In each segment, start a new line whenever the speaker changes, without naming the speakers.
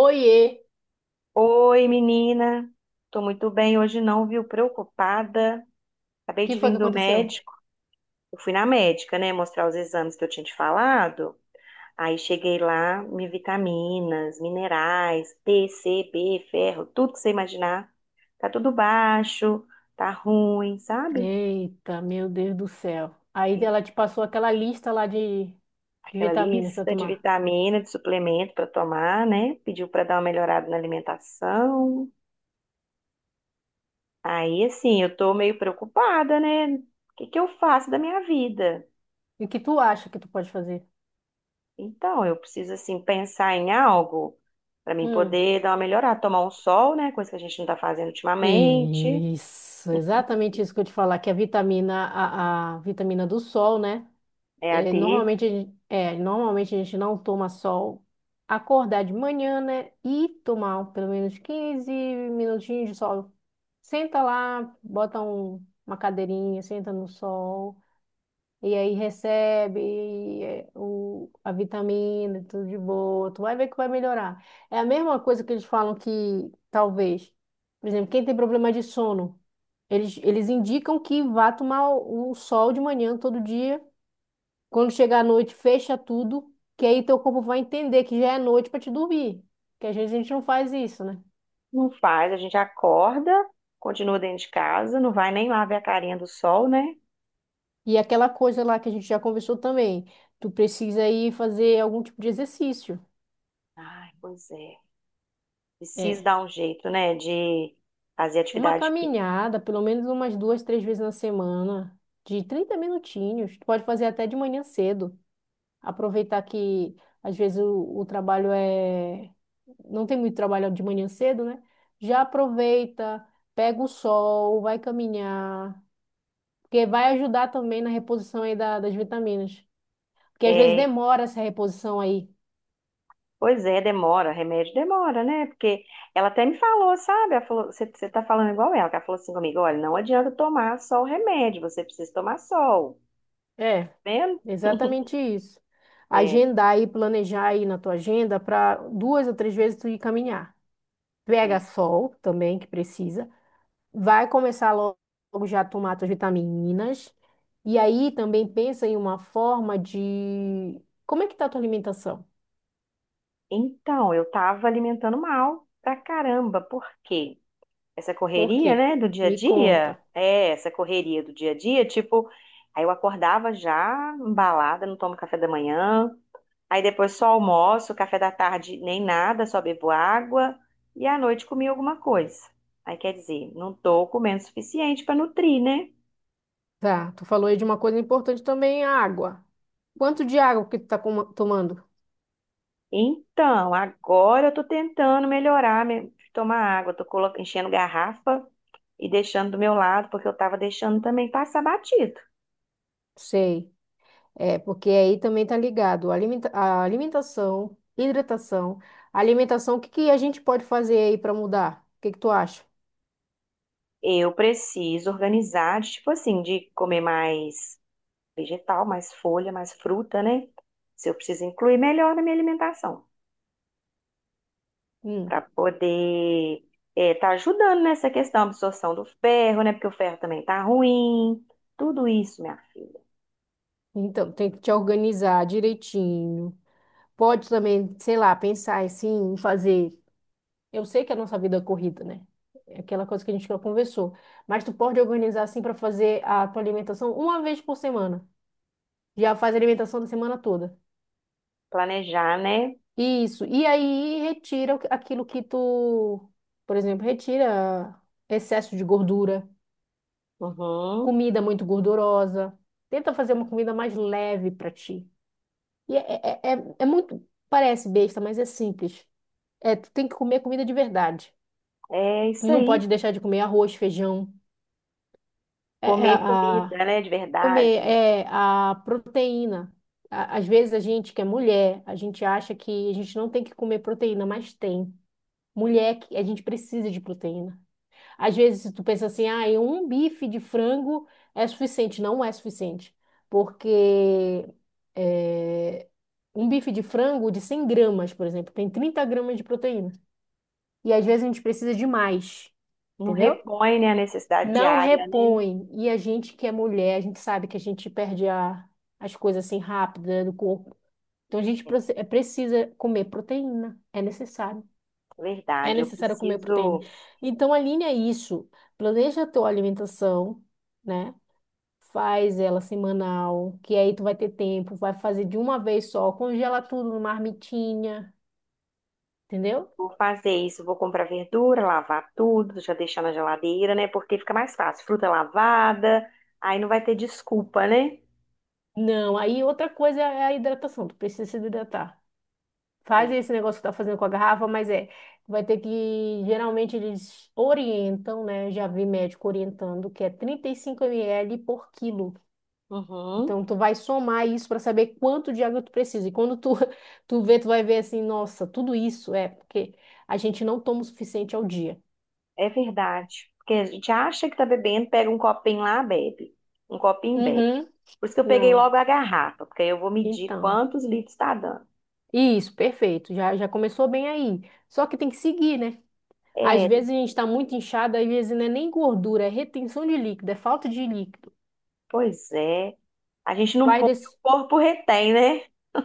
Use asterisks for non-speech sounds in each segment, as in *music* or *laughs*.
Oiê,
Oi, menina. Tô muito bem hoje não, viu? Preocupada.
o
Acabei
que
de
foi
vir
que
do
aconteceu?
médico. Eu fui na médica, né, mostrar os exames que eu tinha te falado. Aí cheguei lá, me vitaminas, minerais, D, C, B, ferro, tudo que você imaginar. Tá tudo baixo, tá ruim, sabe?
Eita, meu Deus do céu. Aí
E
ela te passou aquela lista lá de
Aquela
vitaminas para
lista de
tomar.
vitamina, de suplemento pra tomar, né? Pediu pra dar uma melhorada na alimentação. Aí, assim, eu tô meio preocupada, né? O que que eu faço da minha vida?
E o que tu acha que tu pode fazer?
Então, eu preciso, assim, pensar em algo para mim
Hum.
poder dar uma melhorada, tomar um sol, né? Coisa que a gente não tá fazendo ultimamente.
Isso, exatamente isso que eu te falar, que a vitamina, a vitamina do sol, né?
É a
É,
D,
normalmente, normalmente a gente não toma sol, acordar de manhã, né? E tomar pelo menos 15 minutinhos de sol. Senta lá, bota uma cadeirinha, senta no sol. E aí recebe a vitamina, tudo de boa. Tu vai ver que vai melhorar. É a mesma coisa que eles falam que talvez, por exemplo, quem tem problema de sono, eles indicam que vá tomar o sol de manhã todo dia. Quando chegar à noite, fecha tudo, que aí teu corpo vai entender que já é noite para te dormir. Que às vezes a gente não faz isso, né?
não faz, a gente acorda, continua dentro de casa, não vai nem lá ver a carinha do sol, né?
E aquela coisa lá que a gente já conversou também, tu precisa ir fazer algum tipo de exercício.
Ai, pois é. Preciso
É.
dar um jeito, né? De fazer
Uma
atividade física.
caminhada, pelo menos umas duas, três vezes na semana, de 30 minutinhos. Tu pode fazer até de manhã cedo. Aproveitar que às vezes o trabalho é. Não tem muito trabalho de manhã cedo, né? Já aproveita, pega o sol, vai caminhar, porque vai ajudar também na reposição aí das vitaminas. Porque às vezes demora essa reposição aí.
Pois é, demora, remédio demora, né? Porque ela até me falou, sabe? Ela falou, você tá falando igual ela, que ela falou assim comigo, olha, não adianta tomar só o remédio, você precisa tomar sol,
É,
tá vendo? *laughs*
exatamente isso.
É,
Agendar e planejar aí na tua agenda para duas ou três vezes tu ir caminhar.
é.
Pega sol também, que precisa. Vai começar logo já a tomar suas vitaminas. E aí também pensa em uma forma de... Como é que tá a tua alimentação?
Então, eu tava alimentando mal pra caramba, por quê? Essa
Por
correria,
quê?
né, do dia a
Me conta.
dia, é, essa correria do dia a dia, tipo, aí eu acordava já embalada, não tomo café da manhã, aí depois só almoço, café da tarde nem nada, só bebo água e à noite comi alguma coisa. Aí quer dizer, não tô comendo o suficiente para nutrir, né?
Tá, tu falou aí de uma coisa importante também, a água. Quanto de água que tu tá tomando?
Então, agora eu tô tentando melhorar, tomar água, enchendo garrafa e deixando do meu lado, porque eu tava deixando também passar batido.
Sei. É, porque aí também tá ligado. A alimentação, hidratação. Alimentação, o que que a gente pode fazer aí para mudar? O que que tu acha?
Eu preciso organizar, de, tipo assim, de comer mais vegetal, mais folha, mais fruta, né? Se eu preciso incluir melhor na minha alimentação.
Hum.
Para poder estar ajudando nessa questão, absorção do ferro, né? Porque o ferro também tá ruim. Tudo isso, minha filha.
Então, tem que te organizar direitinho. Pode também, sei lá, pensar assim, em fazer. Eu sei que a nossa vida é corrida, né? É aquela coisa que a gente já conversou. Mas tu pode organizar assim para fazer a tua alimentação uma vez por semana. Já faz a alimentação da semana toda.
Planejar, né?
Isso. E aí retira aquilo que tu, por exemplo, retira excesso de gordura,
Uhum.
comida muito gordurosa. Tenta fazer uma comida mais leve para ti. E é muito. Parece besta, mas é simples. É, tu tem que comer comida de verdade.
É
E
isso
não
aí.
pode deixar de comer arroz, feijão, é, é,
Comer
a,
comida, né? De
comer
verdade.
a proteína. Às vezes a gente que é mulher, a gente acha que a gente não tem que comer proteína, mas tem. Mulher, a gente precisa de proteína. Às vezes tu pensa assim, ah, e um bife de frango é suficiente. Não é suficiente, porque é, um bife de frango de 100 gramas, por exemplo, tem 30 gramas de proteína. E às vezes a gente precisa de mais,
Não
entendeu?
repõe, né, a necessidade
Não
diária, né?
repõe. E a gente que é mulher, a gente sabe que a gente perde as coisas assim rápida do corpo. Então a gente
É,
precisa comer proteína. É necessário. É
verdade. Eu
necessário comer proteína.
preciso.
Então alinha isso. Planeja a tua alimentação, né? Faz ela semanal, que aí tu vai ter tempo, vai fazer de uma vez só, congela tudo numa marmitinha, entendeu?
Vou fazer isso, vou comprar verdura, lavar tudo, já deixar na geladeira, né? Porque fica mais fácil. Fruta lavada, aí não vai ter desculpa, né?
Não, aí outra coisa é a hidratação, tu precisa se hidratar.
É.
Fazem esse negócio que tá fazendo com a garrafa, mas vai ter que, geralmente eles orientam, né? Já vi médico orientando que é 35 ml por quilo.
Uhum.
Então tu vai somar isso para saber quanto de água tu precisa. E quando tu *laughs* tu vê, tu vai ver assim, nossa, tudo isso é porque a gente não toma o suficiente ao dia.
É verdade. Porque a gente acha que tá bebendo, pega um copinho lá, bebe. Um copinho, bebe.
Uhum,
Por isso que eu peguei
não.
logo a garrafa, porque aí eu vou medir
Então,
quantos litros está dando.
isso, perfeito. Já já começou bem aí. Só que tem que seguir, né? Às
É,
vezes a gente está muito inchado, às vezes não é nem gordura, é retenção de líquido, é falta de líquido.
pois é. A gente não
Vai
põe, o
desse.
corpo retém, né?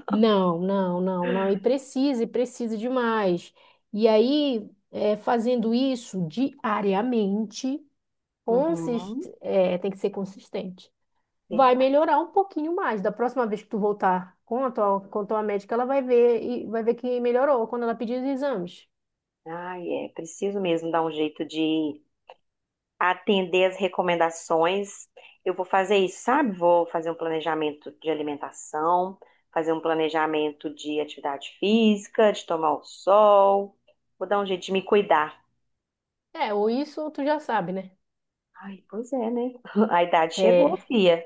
Não, não, não, não. E precisa demais. E aí, fazendo isso diariamente,
Uhum,
tem que ser consistente. Vai
verdade.
melhorar um pouquinho mais. Da próxima vez que tu voltar com a tua médica, ela vai ver e vai ver que melhorou quando ela pedir os exames.
Ai, é, preciso mesmo dar um jeito de atender as recomendações. Eu vou fazer isso, sabe? Vou fazer um planejamento de alimentação, fazer um planejamento de atividade física, de tomar o sol. Vou dar um jeito de me cuidar.
É, ou isso, ou tu já sabe, né?
Ai, pois é, né? *laughs* A idade chegou,
É,
fia.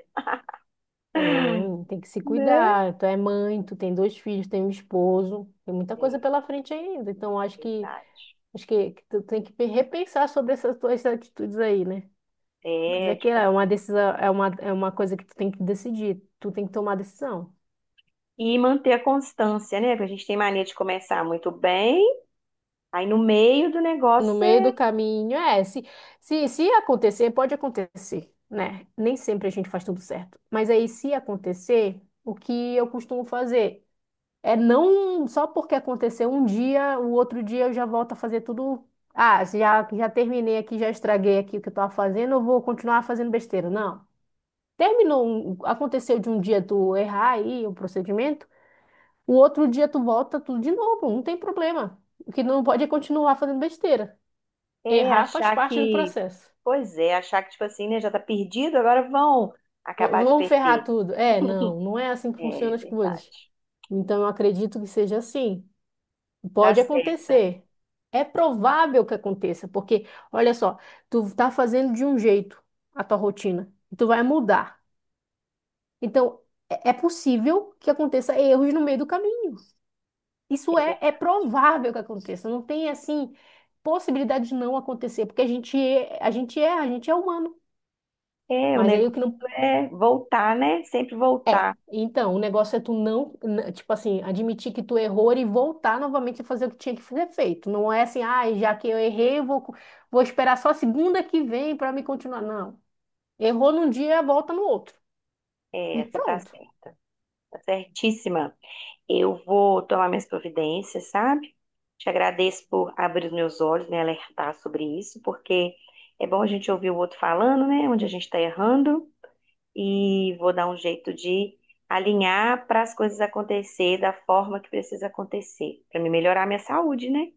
é, tem que se
Né?
cuidar. Tu é mãe, tu tem dois filhos, tem um esposo, tem muita coisa
É,
pela frente ainda. Então, acho que
verdade.
Acho que, tu tem que repensar sobre essas tuas atitudes aí, né? Mas
É,
é que
tipo
é uma
assim.
decisão, é uma coisa que tu tem que decidir, tu tem que tomar a decisão.
E manter a constância, né? Porque a gente tem mania de começar muito bem, aí no meio do
No
negócio
meio do
você...
caminho, se acontecer, pode acontecer, né? Nem sempre a gente faz tudo certo. Mas aí, se acontecer, o que eu costumo fazer é não só porque aconteceu um dia, o outro dia eu já volto a fazer tudo. Ah, já, já terminei aqui, já estraguei aqui o que eu tava fazendo, eu vou continuar fazendo besteira. Não. Terminou, aconteceu de um dia tu errar aí o procedimento, o outro dia tu volta tudo de novo, não tem problema. O que não pode é continuar fazendo besteira.
É,
Errar faz
achar
parte do
que,
processo.
pois é, achar que, tipo assim, né, já tá perdido, agora vão acabar de
Vamos ferrar
perder.
tudo. É, não, não é assim que funcionam
É
as coisas.
verdade.
Então eu acredito que seja assim.
Tá
Pode
certa.
acontecer. É provável que aconteça, porque olha só, tu tá fazendo de um jeito a tua rotina, e tu vai mudar. Então é possível que aconteça erros no meio do caminho.
É,
Isso é
verdade.
provável que aconteça, não tem assim possibilidade de não acontecer, porque a gente é, a gente é, a gente é humano.
É, o
Mas aí
negócio
o que não
é voltar, né? Sempre
é.
voltar.
Então, o negócio é tu não, tipo assim, admitir que tu errou e voltar novamente a fazer o que tinha que ser feito. Não é assim, ah, já que eu errei, eu vou esperar só a segunda que vem para me continuar. Não. Errou num dia, volta no outro. E
É, você tá
pronto.
certa. Tá certíssima. Eu vou tomar minhas providências, sabe? Te agradeço por abrir os meus olhos, me alertar sobre isso, porque é bom a gente ouvir o outro falando, né? Onde a gente tá errando. E vou dar um jeito de alinhar para as coisas acontecer da forma que precisa acontecer, para me melhorar a minha saúde, né?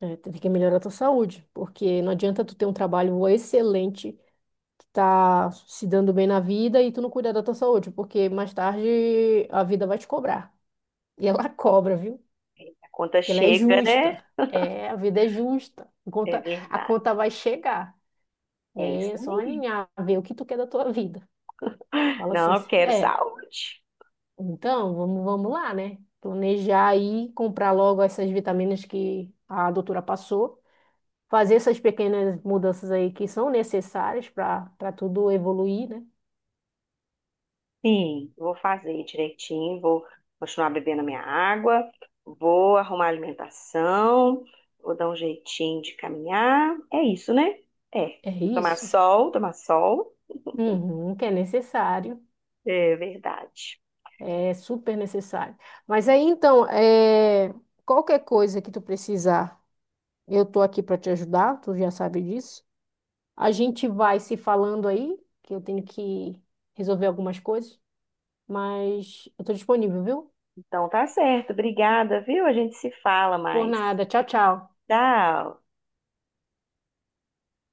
É, tu tem que melhorar a tua saúde, porque não adianta tu ter um trabalho excelente tu tá se dando bem na vida e tu não cuida da tua saúde, porque mais tarde a vida vai te cobrar. E ela *laughs* cobra, viu?
A conta
Porque ela é
chega, né?
justa. É, a vida é justa. A
É
conta, a conta
verdade.
vai chegar. E
É
aí
isso
é só
aí.
alinhar, ver o que tu quer da tua vida. Fala assim,
Não, eu quero
é,
saúde.
então vamos lá, né? Planejar aí, comprar logo essas vitaminas que a doutora passou. Fazer essas pequenas mudanças aí que são necessárias para tudo evoluir, né?
Sim, vou fazer direitinho, vou continuar bebendo a minha água, vou arrumar a alimentação, vou dar um jeitinho de caminhar. É isso, né? É.
É
Tomar
isso.
sol, tomar sol.
Uhum, que é necessário,
É verdade.
é super necessário. Mas aí então, qualquer coisa que tu precisar, eu tô aqui para te ajudar, tu já sabe disso. A gente vai se falando aí, que eu tenho que resolver algumas coisas, mas eu tô disponível, viu?
Então tá certo. Obrigada, viu? A gente se fala
Por
mais.
nada, tchau, tchau.
Tchau.